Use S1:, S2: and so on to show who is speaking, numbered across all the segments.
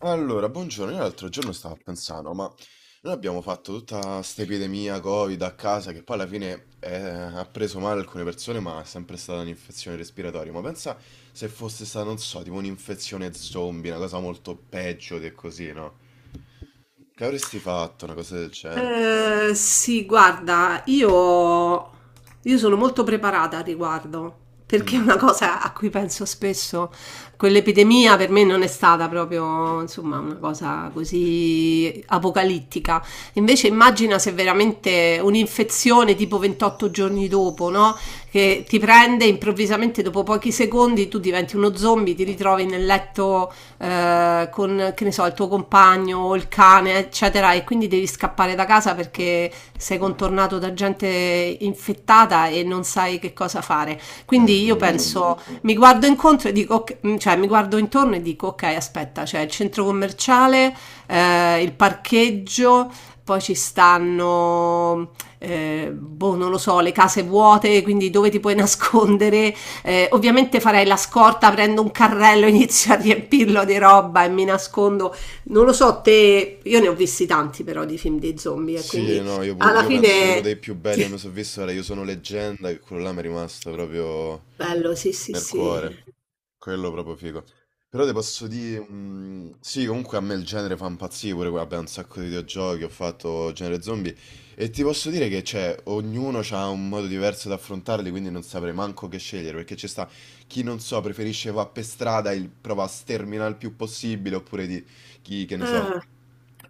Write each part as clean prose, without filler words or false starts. S1: Allora, buongiorno, io l'altro giorno stavo pensando, ma noi abbiamo fatto tutta sta epidemia Covid a casa che poi alla fine ha preso male alcune persone, ma è sempre stata un'infezione respiratoria. Ma pensa se fosse stata, non so, tipo un'infezione zombie, una cosa molto peggio di così, no? Che avresti fatto una cosa del genere?
S2: Sì, guarda, io sono molto preparata al riguardo, perché è
S1: Mm,
S2: una cosa a cui penso spesso. Quell'epidemia per me non è stata proprio, insomma, una cosa così apocalittica. Invece immagina se veramente un'infezione tipo 28 giorni dopo, no? Che ti prende improvvisamente dopo pochi secondi, tu diventi uno zombie, ti ritrovi nel letto con che ne so, il tuo compagno o il cane, eccetera, e quindi devi scappare da casa perché sei contornato da gente infettata e non sai che cosa fare.
S1: è
S2: Quindi io
S1: brutto.
S2: penso, mi guardo incontro e dico, cioè mi guardo intorno e dico, ok, aspetta, c'è il centro commerciale, il parcheggio, poi ci stanno, boh, non lo so, le case vuote, quindi dove ti puoi nascondere, ovviamente farei la scorta, prendo un carrello, inizio a riempirlo di roba e mi nascondo. Non lo so, te, io ne ho visti tanti però di film di zombie, e
S1: Sì,
S2: quindi
S1: no, io, pur-
S2: alla
S1: io penso uno
S2: fine.
S1: dei più belli che mi sono visto era Io sono leggenda, che quello là mi è rimasto proprio
S2: Bello, sì, sì,
S1: nel
S2: sì.
S1: cuore. Quello proprio figo. Però ti posso dire, sì, comunque a me il genere fa impazzire pure, vabbè, un sacco di videogiochi, ho fatto genere zombie e ti posso dire che cioè, ognuno ha un modo diverso da affrontarli, quindi non saprei manco che scegliere, perché ci sta chi non so, preferisce va per strada e prova a sterminare il più possibile, oppure di chi, che ne so,
S2: Ah.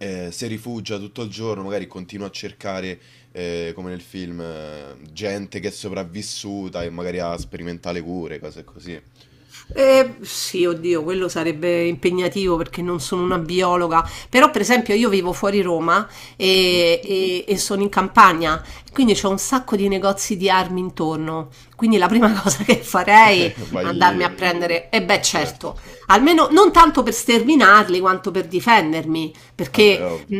S1: si rifugia tutto il giorno, magari continua a cercare, come nel film, gente che è sopravvissuta e magari ha sperimentale cure, cose così.
S2: Sì, oddio, quello sarebbe impegnativo perché non sono una biologa, però per esempio io vivo fuori Roma
S1: Mhm.
S2: e sono in campagna, quindi c'ho un sacco di negozi di armi intorno, quindi la prima cosa che farei è
S1: Vai lì,
S2: andarmi a prendere, e beh
S1: certo.
S2: certo, almeno non tanto per sterminarli quanto per difendermi,
S1: Vabbè,
S2: perché.
S1: ovvio.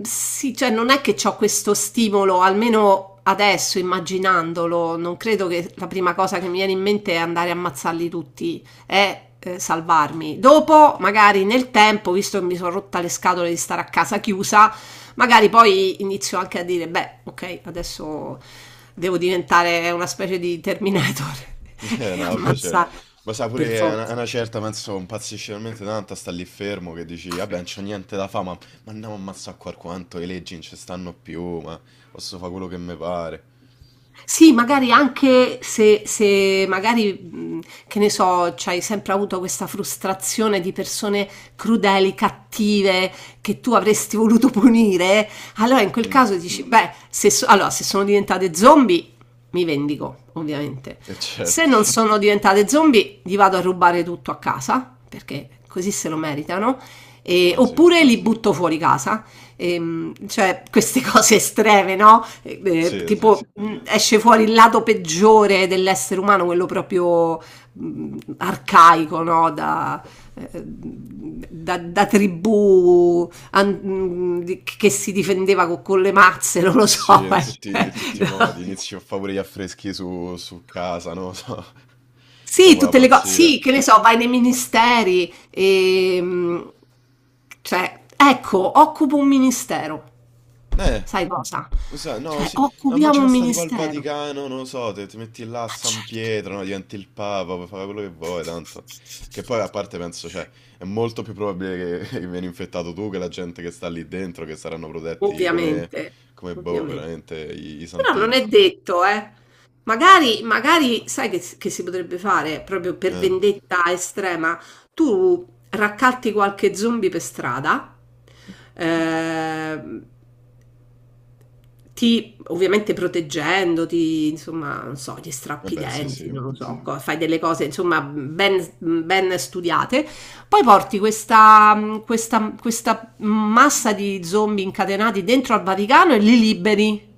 S2: Sì, cioè non è che ho questo stimolo, almeno adesso immaginandolo, non credo che la prima cosa che mi viene in mente è andare a ammazzarli tutti, è salvarmi. Dopo, magari nel tempo, visto che mi sono rotta le scatole di stare a casa chiusa, magari poi inizio anche a dire, beh, ok, adesso devo diventare una specie di Terminator e
S1: No, vabbè, certo.
S2: ammazzare
S1: Ma sa pure,
S2: per
S1: è una, è
S2: forza.
S1: una certa, penso, impazzisce talmente tanto, sta lì fermo che dici, vabbè, non c'ho niente da fa, ma andiamo a ammazzare qua quanto, le leggi non ci stanno più, ma posso fare quello che mi pare.
S2: Sì, magari anche se magari, che ne so, c'hai sempre avuto questa frustrazione di persone crudeli, cattive, che tu avresti voluto punire, allora in quel
S1: Mm,
S2: caso dici, beh, se, so- allora, se sono diventate zombie, mi vendico, ovviamente. Se
S1: certo,
S2: non sono diventate zombie, gli vado a rubare tutto a casa, perché così se lo meritano,
S1: ma sì,
S2: oppure li butto fuori casa cioè queste cose estreme, no? Eh, eh,
S1: sì, sì.
S2: tipo esce fuori il lato peggiore dell'essere umano, quello proprio arcaico, no? Da tribù che si difendeva con le mazze, non lo
S1: Sì,
S2: so.
S1: in
S2: Sì,
S1: tutti,
S2: sì,
S1: tutti i modi,
S2: sì. No.
S1: inizio a fare pure gli affreschi su casa, no? So,
S2: Sì,
S1: proprio la
S2: tutte le cose,
S1: pazzia.
S2: sì, che ne so, vai nei ministeri, cioè, ecco, occupo un ministero,
S1: Eh,
S2: sai cosa?
S1: Lo sai, no,
S2: Cioè,
S1: sì, no,
S2: occupiamo
S1: immagina
S2: un
S1: sta tipo al
S2: ministero,
S1: Vaticano, non lo so, ti metti là a San Pietro, no, diventi il Papa, puoi fare quello che vuoi, tanto. Che poi a parte penso, cioè, è molto più probabile che vieni infettato tu che la gente che sta lì dentro, che saranno protetti come,
S2: ovviamente,
S1: come boh,
S2: ovviamente.
S1: veramente, i
S2: Però non
S1: santini.
S2: è detto, eh. Magari, magari, sai che si potrebbe fare, proprio per
S1: Eh,
S2: vendetta estrema, tu raccatti qualche zombie per strada, ehm, Ti ovviamente proteggendoti, insomma, non so, gli strappi i
S1: vabbè, sì, sì.
S2: denti, non lo so, fai delle cose, insomma, ben, ben studiate. Poi porti questa, questa massa di zombie incatenati dentro al Vaticano e li liberi.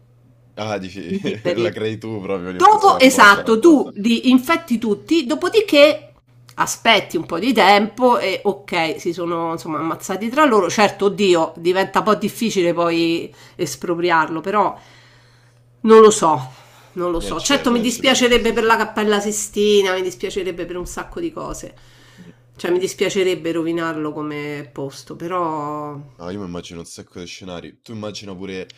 S1: Ah, dici,
S2: Li
S1: la
S2: liberi.
S1: crei tu proprio l'infezione
S2: Dopo,
S1: apposta.
S2: esatto, tu li infetti tutti, dopodiché aspetti un po' di tempo e ok, si sono insomma ammazzati tra loro. Certo, oddio, diventa un po' difficile poi espropriarlo, però non lo so, non lo
S1: Eh
S2: so. Certo, mi
S1: certo, sì sì.
S2: dispiacerebbe per la Cappella Sistina, mi dispiacerebbe per un sacco di cose. Cioè, mi dispiacerebbe rovinarlo come posto, però
S1: No, io mi immagino un sacco di scenari. Tu immagina pure.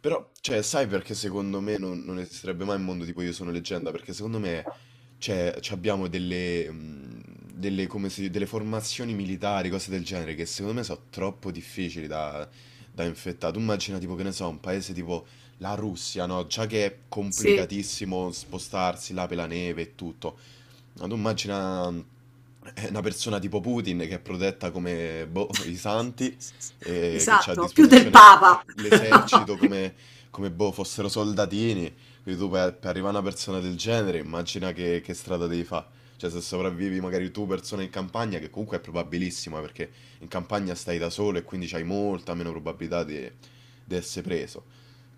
S1: Però, cioè, sai perché secondo me non, esisterebbe mai un mondo tipo Io sono leggenda? Perché secondo me, cioè, ci abbiamo delle, delle, delle formazioni militari, cose del genere, che secondo me sono troppo difficili da infettare. Tu immagina tipo, che ne so, un paese tipo la Russia, no? Già che è
S2: sì.
S1: complicatissimo spostarsi là per la neve e tutto. Ma tu immagina una persona tipo Putin che è protetta come boh, i santi e che ha a
S2: Esatto, più del
S1: disposizione
S2: Papa.
S1: l'esercito come, boh, fossero soldatini. Quindi tu per arrivare a una persona del genere, immagina che strada devi fare. Cioè, se sopravvivi magari tu persona in campagna, che comunque è probabilissima perché in campagna stai da solo e quindi hai molta meno probabilità di essere preso.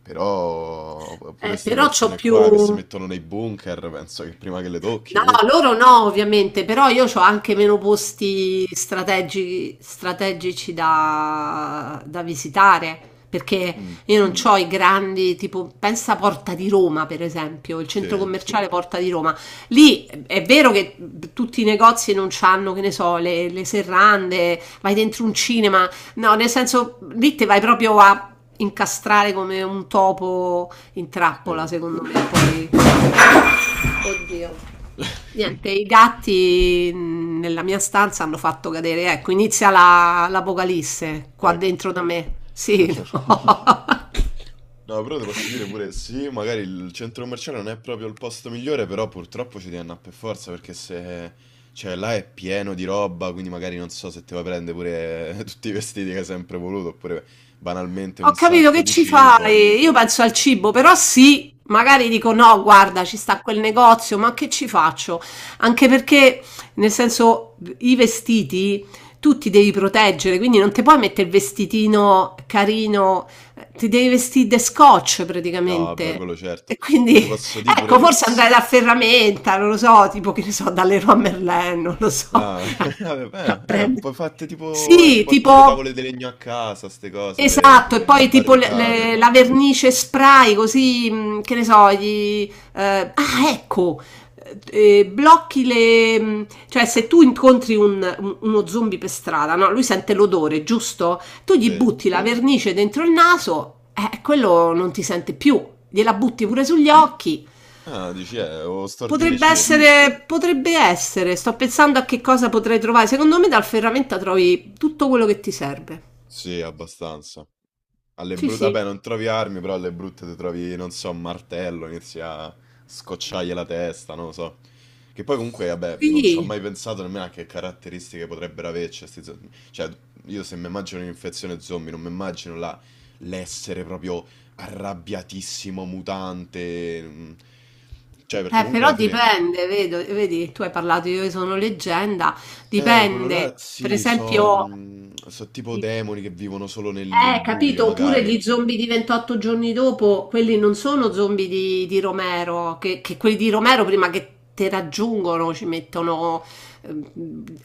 S1: Però pure queste
S2: Però c'ho
S1: persone
S2: più.
S1: qua che si mettono nei bunker, penso che prima che le tocchi,
S2: No,
S1: uh.
S2: loro no, ovviamente, però io c'ho anche meno posti strategici da visitare, perché
S1: Mh,
S2: io non c'ho i grandi, tipo, pensa a Porta di Roma, per esempio, il centro
S1: sì,
S2: commerciale Porta di Roma. Lì è vero che tutti i negozi non c'hanno, che ne so, le serrande, vai dentro un cinema, no, nel senso, lì te vai proprio a incastrare come un topo in trappola,
S1: sì.
S2: secondo me, poi. Oddio. Niente, i gatti nella mia stanza hanno fatto cadere, ecco, inizia l'apocalisse qua
S1: Ecco.
S2: dentro da me. Sì, no.
S1: No, però ti posso dire pure sì, magari il centro commerciale non è proprio il posto migliore, però purtroppo ci devi annà per forza perché se cioè là è pieno di roba, quindi magari non so se ti vuoi prendere pure tutti i vestiti che hai sempre voluto, oppure banalmente
S2: Ho
S1: un
S2: capito
S1: sacco
S2: che
S1: di
S2: ci
S1: cibo.
S2: fai? Io penso al cibo, però sì, magari dico no, guarda, ci sta quel negozio, ma che ci faccio? Anche perché, nel senso, i vestiti tu ti devi proteggere, quindi non ti puoi mettere il vestitino carino, ti devi vestire da scotch
S1: No, vabbè,
S2: praticamente.
S1: quello certo.
S2: E quindi,
S1: Però ti posso dire
S2: ecco,
S1: pure
S2: forse
S1: s
S2: andare da Ferramenta, non lo so, tipo che ne so, dalle Leroy Merlin, non lo so.
S1: Ah, vabbè,
S2: Prende.
S1: poi fate tipo, ti
S2: Sì,
S1: porti le
S2: tipo.
S1: tavole di legno a casa, ste cose, per
S2: Esatto, e
S1: fa
S2: poi tipo le-
S1: barricate.
S2: le- la vernice spray, così, che ne so, gli. Ah, ecco, eh, blocchi cioè se tu incontri uno zombie per strada, no? Lui sente l'odore, giusto? Tu gli
S1: Sì.
S2: butti la vernice dentro il naso, quello non ti sente più, gliela butti pure sugli occhi.
S1: Ah, dici, o stordisci.
S2: Potrebbe essere, sto pensando a che cosa potrei trovare. Secondo me dal ferramenta trovi tutto quello che ti serve.
S1: Sì, abbastanza. Alle
S2: Sì,
S1: brutte,
S2: sì.
S1: vabbè, non trovi armi, però alle brutte ti trovi, non so, un martello, inizi a scocciargli la testa, non lo so. Che poi comunque, vabbè, non ci ho
S2: Sì.
S1: mai pensato nemmeno a che caratteristiche potrebbero averci questi zombie. Cioè, io se mi immagino un'infezione zombie, non mi immagino l'essere proprio arrabbiatissimo, mutante. Mm. Cioè, perché comunque
S2: Però
S1: alla fine.
S2: dipende, vedi, tu hai parlato, Io sono leggenda,
S1: Quello là,
S2: dipende, per
S1: sì, so,
S2: esempio,
S1: mm, so tipo demoni che vivono solo nel buio,
S2: capito? Oppure
S1: magari.
S2: gli zombie di 28 giorni dopo, quelli non sono zombie di, Romero, che quelli di Romero prima che te raggiungono ci mettono ehm,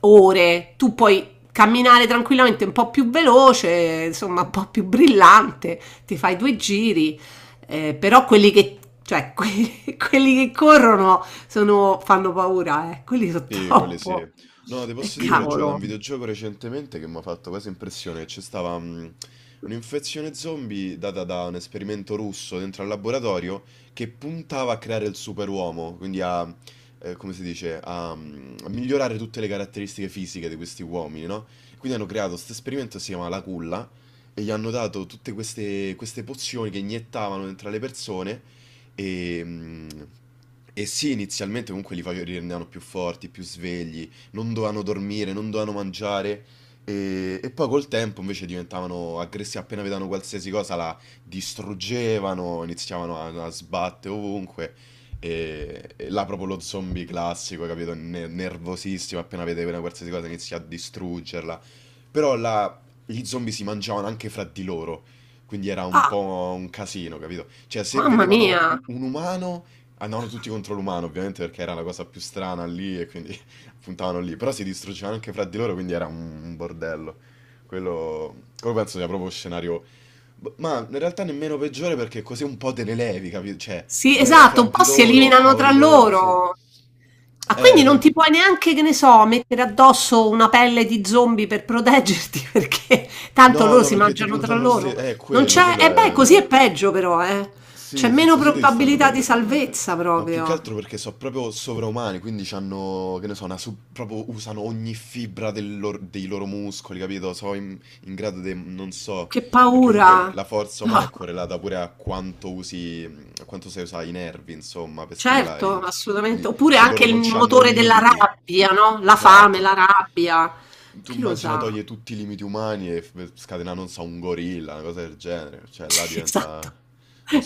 S2: ore. Tu puoi camminare tranquillamente un po' più veloce, insomma, un po' più brillante, ti fai due giri, però quelli che, cioè, quelli che corrono fanno paura, eh. Quelli sono
S1: Sì, quelle sì.
S2: troppo.
S1: No, ti
S2: E
S1: posso dire pure, ho giocato a un
S2: cavolo.
S1: videogioco recentemente che mi ha fatto quasi impressione. C'è stava un'infezione zombie data da un esperimento russo dentro al laboratorio che puntava a creare il superuomo, quindi a, come si dice, a migliorare tutte le caratteristiche fisiche di questi uomini, no? Quindi hanno creato questo esperimento, si chiama La Culla, e gli hanno dato tutte queste, pozioni che iniettavano dentro alle persone e, e sì, inizialmente comunque li rendevano più forti, più svegli, non dovevano dormire, non dovevano mangiare. E, poi col tempo invece diventavano aggressivi, appena vedevano qualsiasi cosa la distruggevano, iniziavano a sbattere ovunque. E, là proprio lo zombie classico, capito? Nervosissimo, appena vede una qualsiasi cosa inizia a distruggerla. Però là gli zombie si mangiavano anche fra di loro. Quindi era un
S2: Ah,
S1: po' un casino, capito? Cioè, se
S2: mamma
S1: vedevano
S2: mia.
S1: un umano, andavano tutti contro l'umano, ovviamente, perché era la cosa più strana lì e quindi puntavano lì. Però si distruggevano anche fra di loro, quindi era un bordello. Quello, quello penso sia proprio scenario. Ma in realtà nemmeno peggiore perché così un po' te ne levi, capito? Cioè,
S2: Sì,
S1: guerra
S2: esatto,
S1: fra
S2: un
S1: di
S2: po' si
S1: loro,
S2: eliminano tra
S1: cavoli loro, sì.
S2: loro. Ah,
S1: Eh,
S2: quindi non ti
S1: que-
S2: puoi neanche, che ne so, mettere addosso una pelle di zombie per proteggerti, perché tanto
S1: No,
S2: loro
S1: no,
S2: si
S1: perché ti
S2: mangiano tra
S1: puntano lo stesso.
S2: loro. Non
S1: Quello,
S2: c'è,
S1: quello
S2: e beh,
S1: è.
S2: così è peggio però, eh. C'è
S1: Sì, sì,
S2: meno
S1: così devi stare proprio a
S2: probabilità di
S1: te.
S2: salvezza
S1: Ma più che
S2: proprio.
S1: altro perché sono proprio sovraumani, quindi hanno, che ne so, proprio usano ogni fibra dei loro muscoli, capito? Sono in grado di, non so,
S2: Che
S1: perché comunque
S2: paura.
S1: la forza
S2: No,
S1: umana è correlata pure a quanto usi, a quanto sai usare i nervi, insomma, per stimolare i
S2: certo,
S1: muscoli.
S2: assolutamente.
S1: Quindi
S2: Oppure
S1: se
S2: anche
S1: loro
S2: il
S1: non hanno
S2: motore della
S1: limiti.
S2: rabbia, no? La fame,
S1: Esatto.
S2: la rabbia.
S1: Tu
S2: Chi lo
S1: immagina
S2: sa?
S1: toglie tutti i limiti umani e scatena, non so, un gorilla, una cosa del genere. Cioè, là
S2: Esatto,
S1: diventa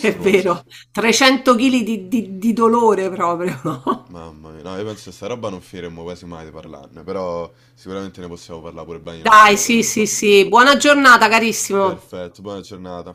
S2: è vero. 300 chili di dolore proprio, no.
S1: Mamma mia. No, io penso che sta roba non finiremmo quasi mai di parlarne, però sicuramente ne possiamo parlare pure bene un altro
S2: Dai, sì,
S1: giorno.
S2: sì,
S1: ma-
S2: sì. Buona giornata carissimo.
S1: Perfetto, buona giornata.